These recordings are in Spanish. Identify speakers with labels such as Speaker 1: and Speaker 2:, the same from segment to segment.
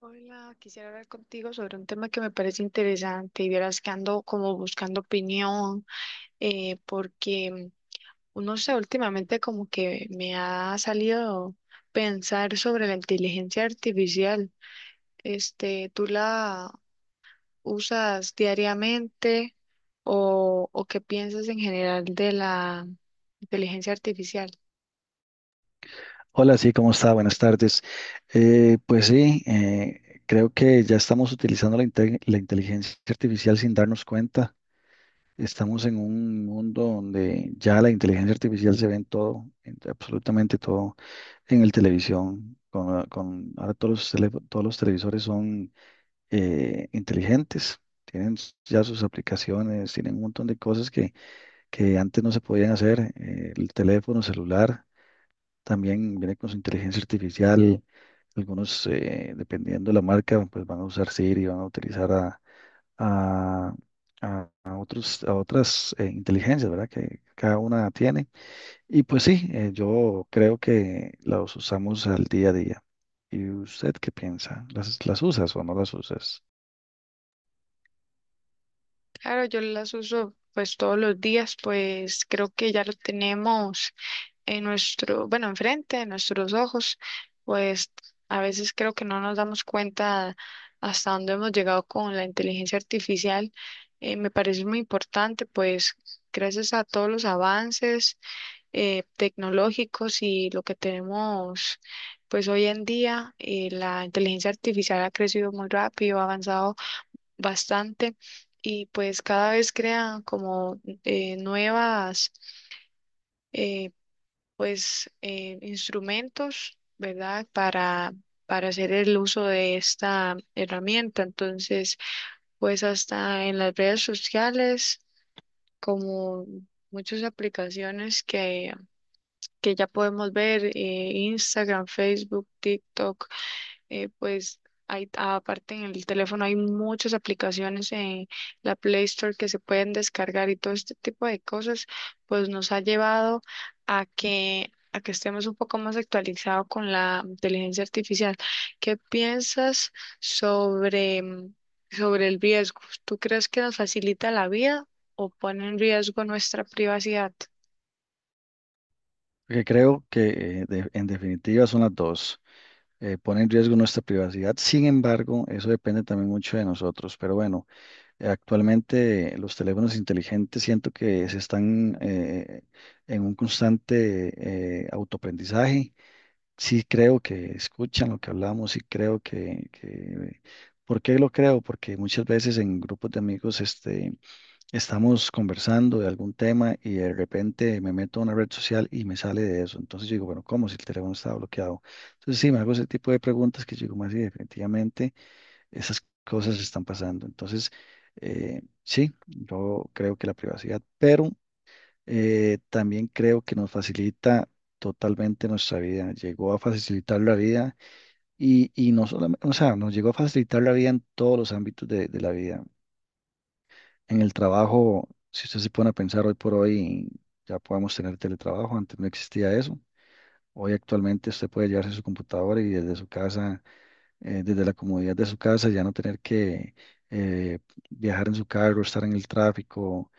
Speaker 1: Hola, quisiera hablar contigo sobre un tema que me parece interesante y vieras que ando como buscando opinión, eh, porque mm, no sé, últimamente como que me ha salido pensar sobre la inteligencia artificial. Este, ¿tú la usas diariamente o qué piensas en general de la inteligencia artificial?
Speaker 2: Hola, sí, ¿cómo está? Buenas tardes. Pues sí, creo que ya estamos utilizando la inteligencia artificial sin darnos cuenta. Estamos en un mundo donde ya la inteligencia artificial se ve en todo, en absolutamente todo, en el televisión, ahora todos los televisores son inteligentes, ya sus aplicaciones, tienen un montón de cosas que antes no se podían hacer, el teléfono celular. También viene con su inteligencia artificial. Algunos, dependiendo de la marca, pues van a usar Siri, van a a, a otros, a otras inteligencias, ¿verdad? Que cada una tiene. Y pues sí, yo creo que los usamos al día a día. ¿Y usted qué piensa? ¿Las usas o no las usas?
Speaker 1: Claro, yo las uso pues todos los días, pues creo que ya lo tenemos en nuestro, bueno, enfrente, en nuestros ojos, pues a veces creo que no nos damos cuenta hasta dónde hemos llegado con la inteligencia artificial. Me parece muy importante, pues gracias a todos los avances tecnológicos y lo que tenemos pues hoy en día, la inteligencia artificial ha crecido muy rápido, ha avanzado bastante y pues cada vez crean como nuevas eh, instrumentos, ¿verdad? Para hacer el uso de esta herramienta. Entonces, pues hasta en las redes sociales, como muchas aplicaciones que ya podemos ver, Instagram, Facebook, TikTok. Pues hay, aparte en el teléfono hay muchas aplicaciones en la Play Store que se pueden descargar y todo este tipo de cosas, pues nos ha llevado a a que estemos un poco más actualizados con la inteligencia artificial. ¿Qué piensas sobre, sobre el riesgo? ¿Tú crees que nos facilita la vida o pone en riesgo nuestra privacidad?
Speaker 2: Porque creo que en definitiva son las dos. Pone en riesgo nuestra privacidad. Sin embargo, eso depende también mucho de nosotros. Pero bueno. Actualmente los teléfonos inteligentes siento que se están en un constante autoaprendizaje. Sí creo que escuchan lo que hablamos y creo que... ¿Por qué lo creo? Porque muchas veces en grupos de amigos este, estamos conversando de algún tema y de repente me meto a una red social y me sale de eso. Entonces yo digo, bueno, ¿cómo si el teléfono estaba bloqueado? Entonces sí, me hago ese tipo de preguntas que yo digo, más sí, definitivamente. Esas cosas están pasando. Entonces, sí, yo creo que la privacidad, pero también creo que nos facilita totalmente nuestra vida. Llegó a facilitar la vida y no solamente, o sea, nos llegó a facilitar la vida en todos los ámbitos de la vida. En el trabajo, si usted se pone a pensar hoy por hoy, ya podemos tener teletrabajo, antes no existía eso. Hoy actualmente usted puede llevarse su computadora y desde su casa, desde la comodidad de su casa, ya no tener que eh, viajar en su carro, estar en el tráfico,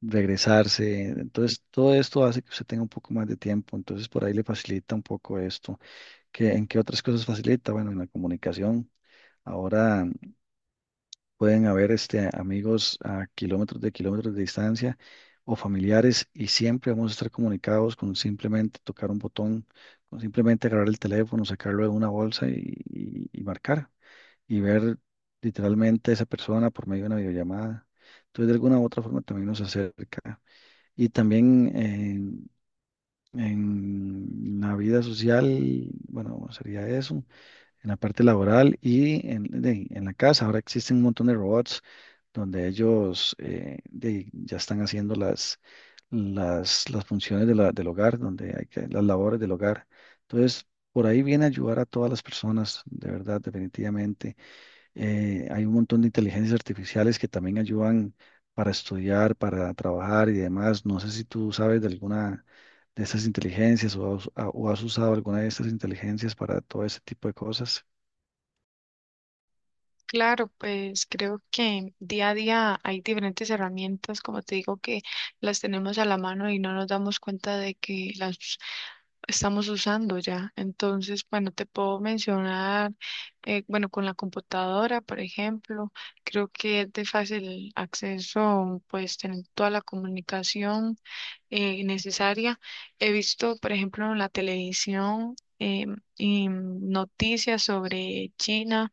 Speaker 2: regresarse. Entonces, todo esto hace que usted tenga un poco más de tiempo. Entonces, por ahí le facilita un poco esto. ¿Qué, en qué otras cosas facilita? Bueno, en la comunicación. Ahora pueden haber este, amigos a kilómetros de distancia o familiares, y siempre vamos a estar comunicados con simplemente tocar un botón, con simplemente agarrar el teléfono, sacarlo de una bolsa y marcar y ver literalmente a esa persona por medio de una videollamada. Entonces, de alguna u otra forma también nos acerca. Y también en la vida social, bueno, sería eso, en la parte laboral y en la casa. Ahora existen un montón de robots donde ellos ya están haciendo las funciones de del hogar, donde hay que, las labores del hogar. Entonces, por ahí viene a ayudar a todas las personas, de verdad, definitivamente hay un montón de inteligencias artificiales que también ayudan para estudiar, para trabajar y demás. No sé si tú sabes de alguna de estas inteligencias o o has usado alguna de estas inteligencias para todo ese tipo de cosas.
Speaker 1: Claro, pues creo que día a día hay diferentes herramientas, como te digo, que las tenemos a la mano y no nos damos cuenta de que las estamos usando ya. Entonces, bueno, te puedo mencionar, bueno, con la computadora, por ejemplo, creo que es de fácil acceso, pues tener toda la comunicación necesaria. He visto, por ejemplo, en la televisión. Y noticias sobre China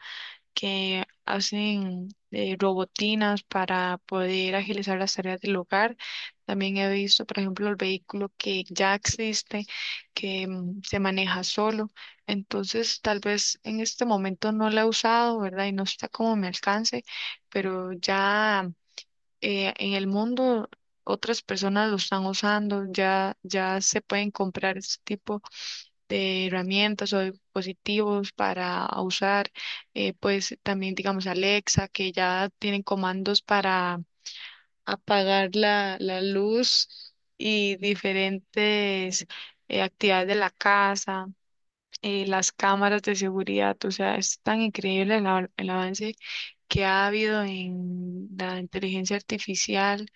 Speaker 1: que hacen robotinas para poder agilizar las tareas del hogar. También he visto, por ejemplo, el vehículo que ya existe, que se maneja solo. Entonces, tal vez en este momento no lo he usado, ¿verdad? Y no está como a mi alcance, pero ya en el mundo otras personas lo están usando, ya, ya se pueden comprar este tipo de herramientas o de dispositivos para usar, pues también digamos Alexa, que ya tienen comandos para apagar la luz y diferentes actividades de la casa, las cámaras de seguridad, o sea, es tan increíble el el avance que ha habido en la inteligencia artificial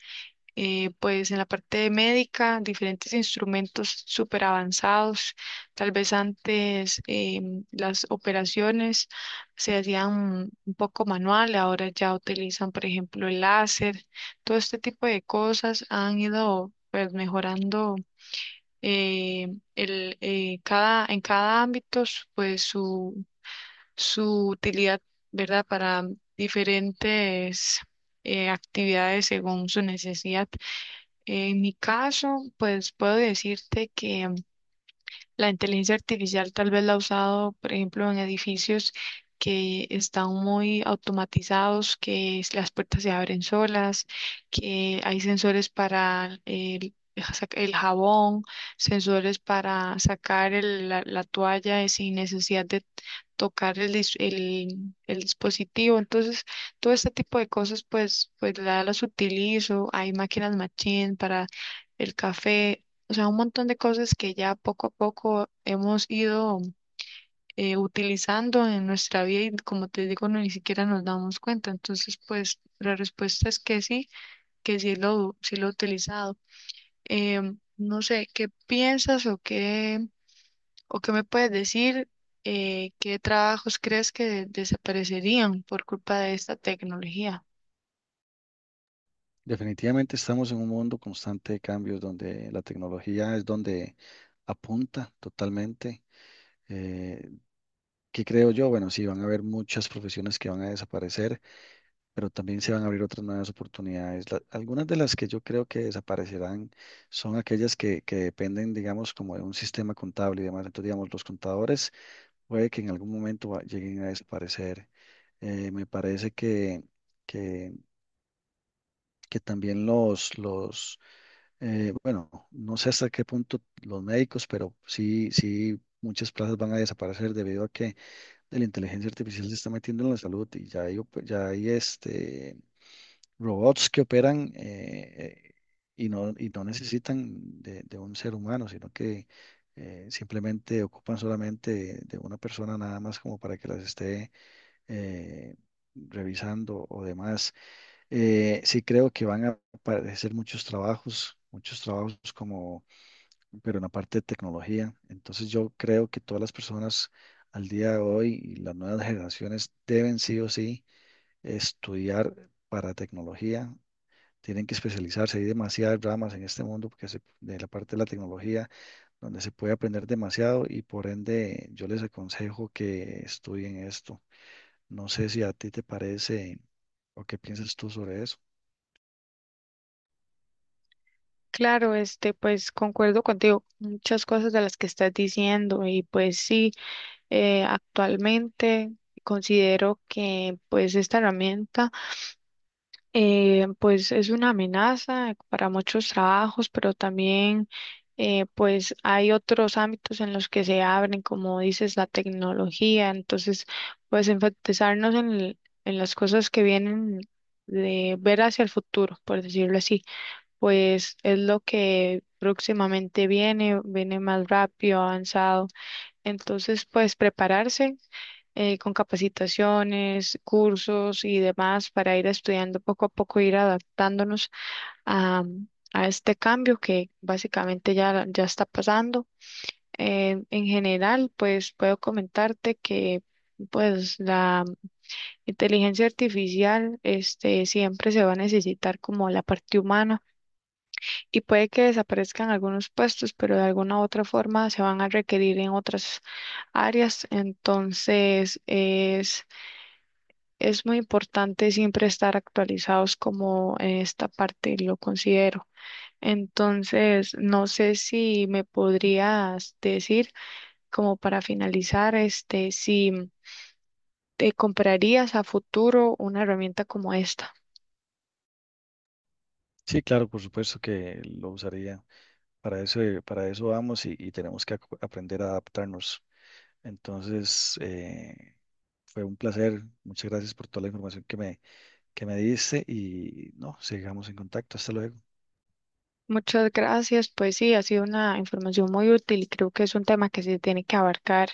Speaker 1: pues en la parte médica, diferentes instrumentos súper avanzados. Tal vez antes las operaciones se hacían un poco manual, ahora ya utilizan, por ejemplo, el láser. Todo este tipo de cosas han ido pues mejorando eh, cada, en cada ámbito pues su utilidad, ¿verdad? Para diferentes actividades según su necesidad. En mi caso, pues puedo decirte que la inteligencia artificial tal vez la ha usado, por ejemplo, en edificios que están muy automatizados, que las puertas se abren solas, que hay sensores para el, ja, el jabón, sensores para sacar la, la toalla sin necesidad de tocar el dispositivo. Entonces, todo este tipo de cosas, pues, pues las utilizo. Hay máquinas machine para el café. O sea, un montón de cosas que ya poco a poco hemos ido utilizando en nuestra vida y como te digo, no, ni siquiera nos damos cuenta. Entonces, pues la respuesta es que sí sí lo he utilizado. No sé, ¿qué piensas o qué me puedes decir? ¿Qué trabajos crees que desaparecerían por culpa de esta tecnología?
Speaker 2: Definitivamente estamos en un mundo constante de cambios donde la tecnología es donde apunta totalmente. Eh, ¿Qué creo yo? Bueno, sí, van a haber muchas profesiones que van a desaparecer, pero también se van a abrir otras nuevas oportunidades. Algunas de las que yo creo que desaparecerán son aquellas que dependen, digamos, como de un sistema contable y demás. Entonces, digamos, los contadores puede que en algún momento lleguen a desaparecer. Me parece que, que también los bueno, no sé hasta qué punto los médicos, pero sí, sí. Muchas plazas van a desaparecer debido a que la inteligencia artificial se está metiendo en la salud y ya ya hay este, robots que operan y no necesitan de un ser humano, sino que simplemente ocupan solamente de una persona nada más como para que las esté eh, revisando o demás. Sí creo que van a aparecer muchos trabajos, muchos trabajos como, pero en la parte de tecnología. Entonces yo creo que todas las personas al día de hoy y las nuevas generaciones deben sí o sí estudiar para tecnología, tienen que especializarse. Hay demasiadas ramas en este mundo porque de la parte de la tecnología donde se puede aprender demasiado, y por ende yo les aconsejo que estudien esto. No sé si a ti te parece o qué piensas tú sobre eso.
Speaker 1: Claro, este, pues concuerdo contigo, muchas cosas de las que estás diciendo y pues sí. Actualmente considero que pues esta herramienta pues es una amenaza para muchos trabajos, pero también pues hay otros ámbitos en los que se abren, como dices, la tecnología. Entonces, pues enfatizarnos en las cosas que vienen de ver hacia el futuro, por decirlo así, pues es lo que próximamente viene, viene más rápido, avanzado. Entonces, pues prepararse con capacitaciones, cursos y demás para ir estudiando poco a poco, ir adaptándonos a, a este cambio que básicamente ya, ya está pasando. En general, pues puedo comentarte que pues la inteligencia artificial este, siempre se va a necesitar como la parte humana y puede que desaparezcan algunos puestos, pero de alguna u otra forma se van a requerir en otras áreas. Entonces, es muy importante siempre estar actualizados como en esta parte lo considero. Entonces, no sé si me podrías decir, como para finalizar, este, si te comprarías a futuro una herramienta como esta.
Speaker 2: Sí, claro, por supuesto que lo usaría. Para eso vamos y tenemos que aprender a adaptarnos. Entonces, fue un placer. Muchas gracias por toda la información que me diste y no, sigamos en contacto. Hasta luego.
Speaker 1: Muchas gracias. Pues sí, ha sido una información muy útil y creo que es un tema que se tiene que abarcar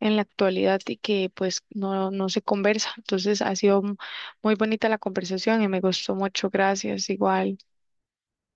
Speaker 1: en la actualidad y que pues no, no se conversa. Entonces ha sido muy bonita la conversación y me gustó mucho. Gracias, igual.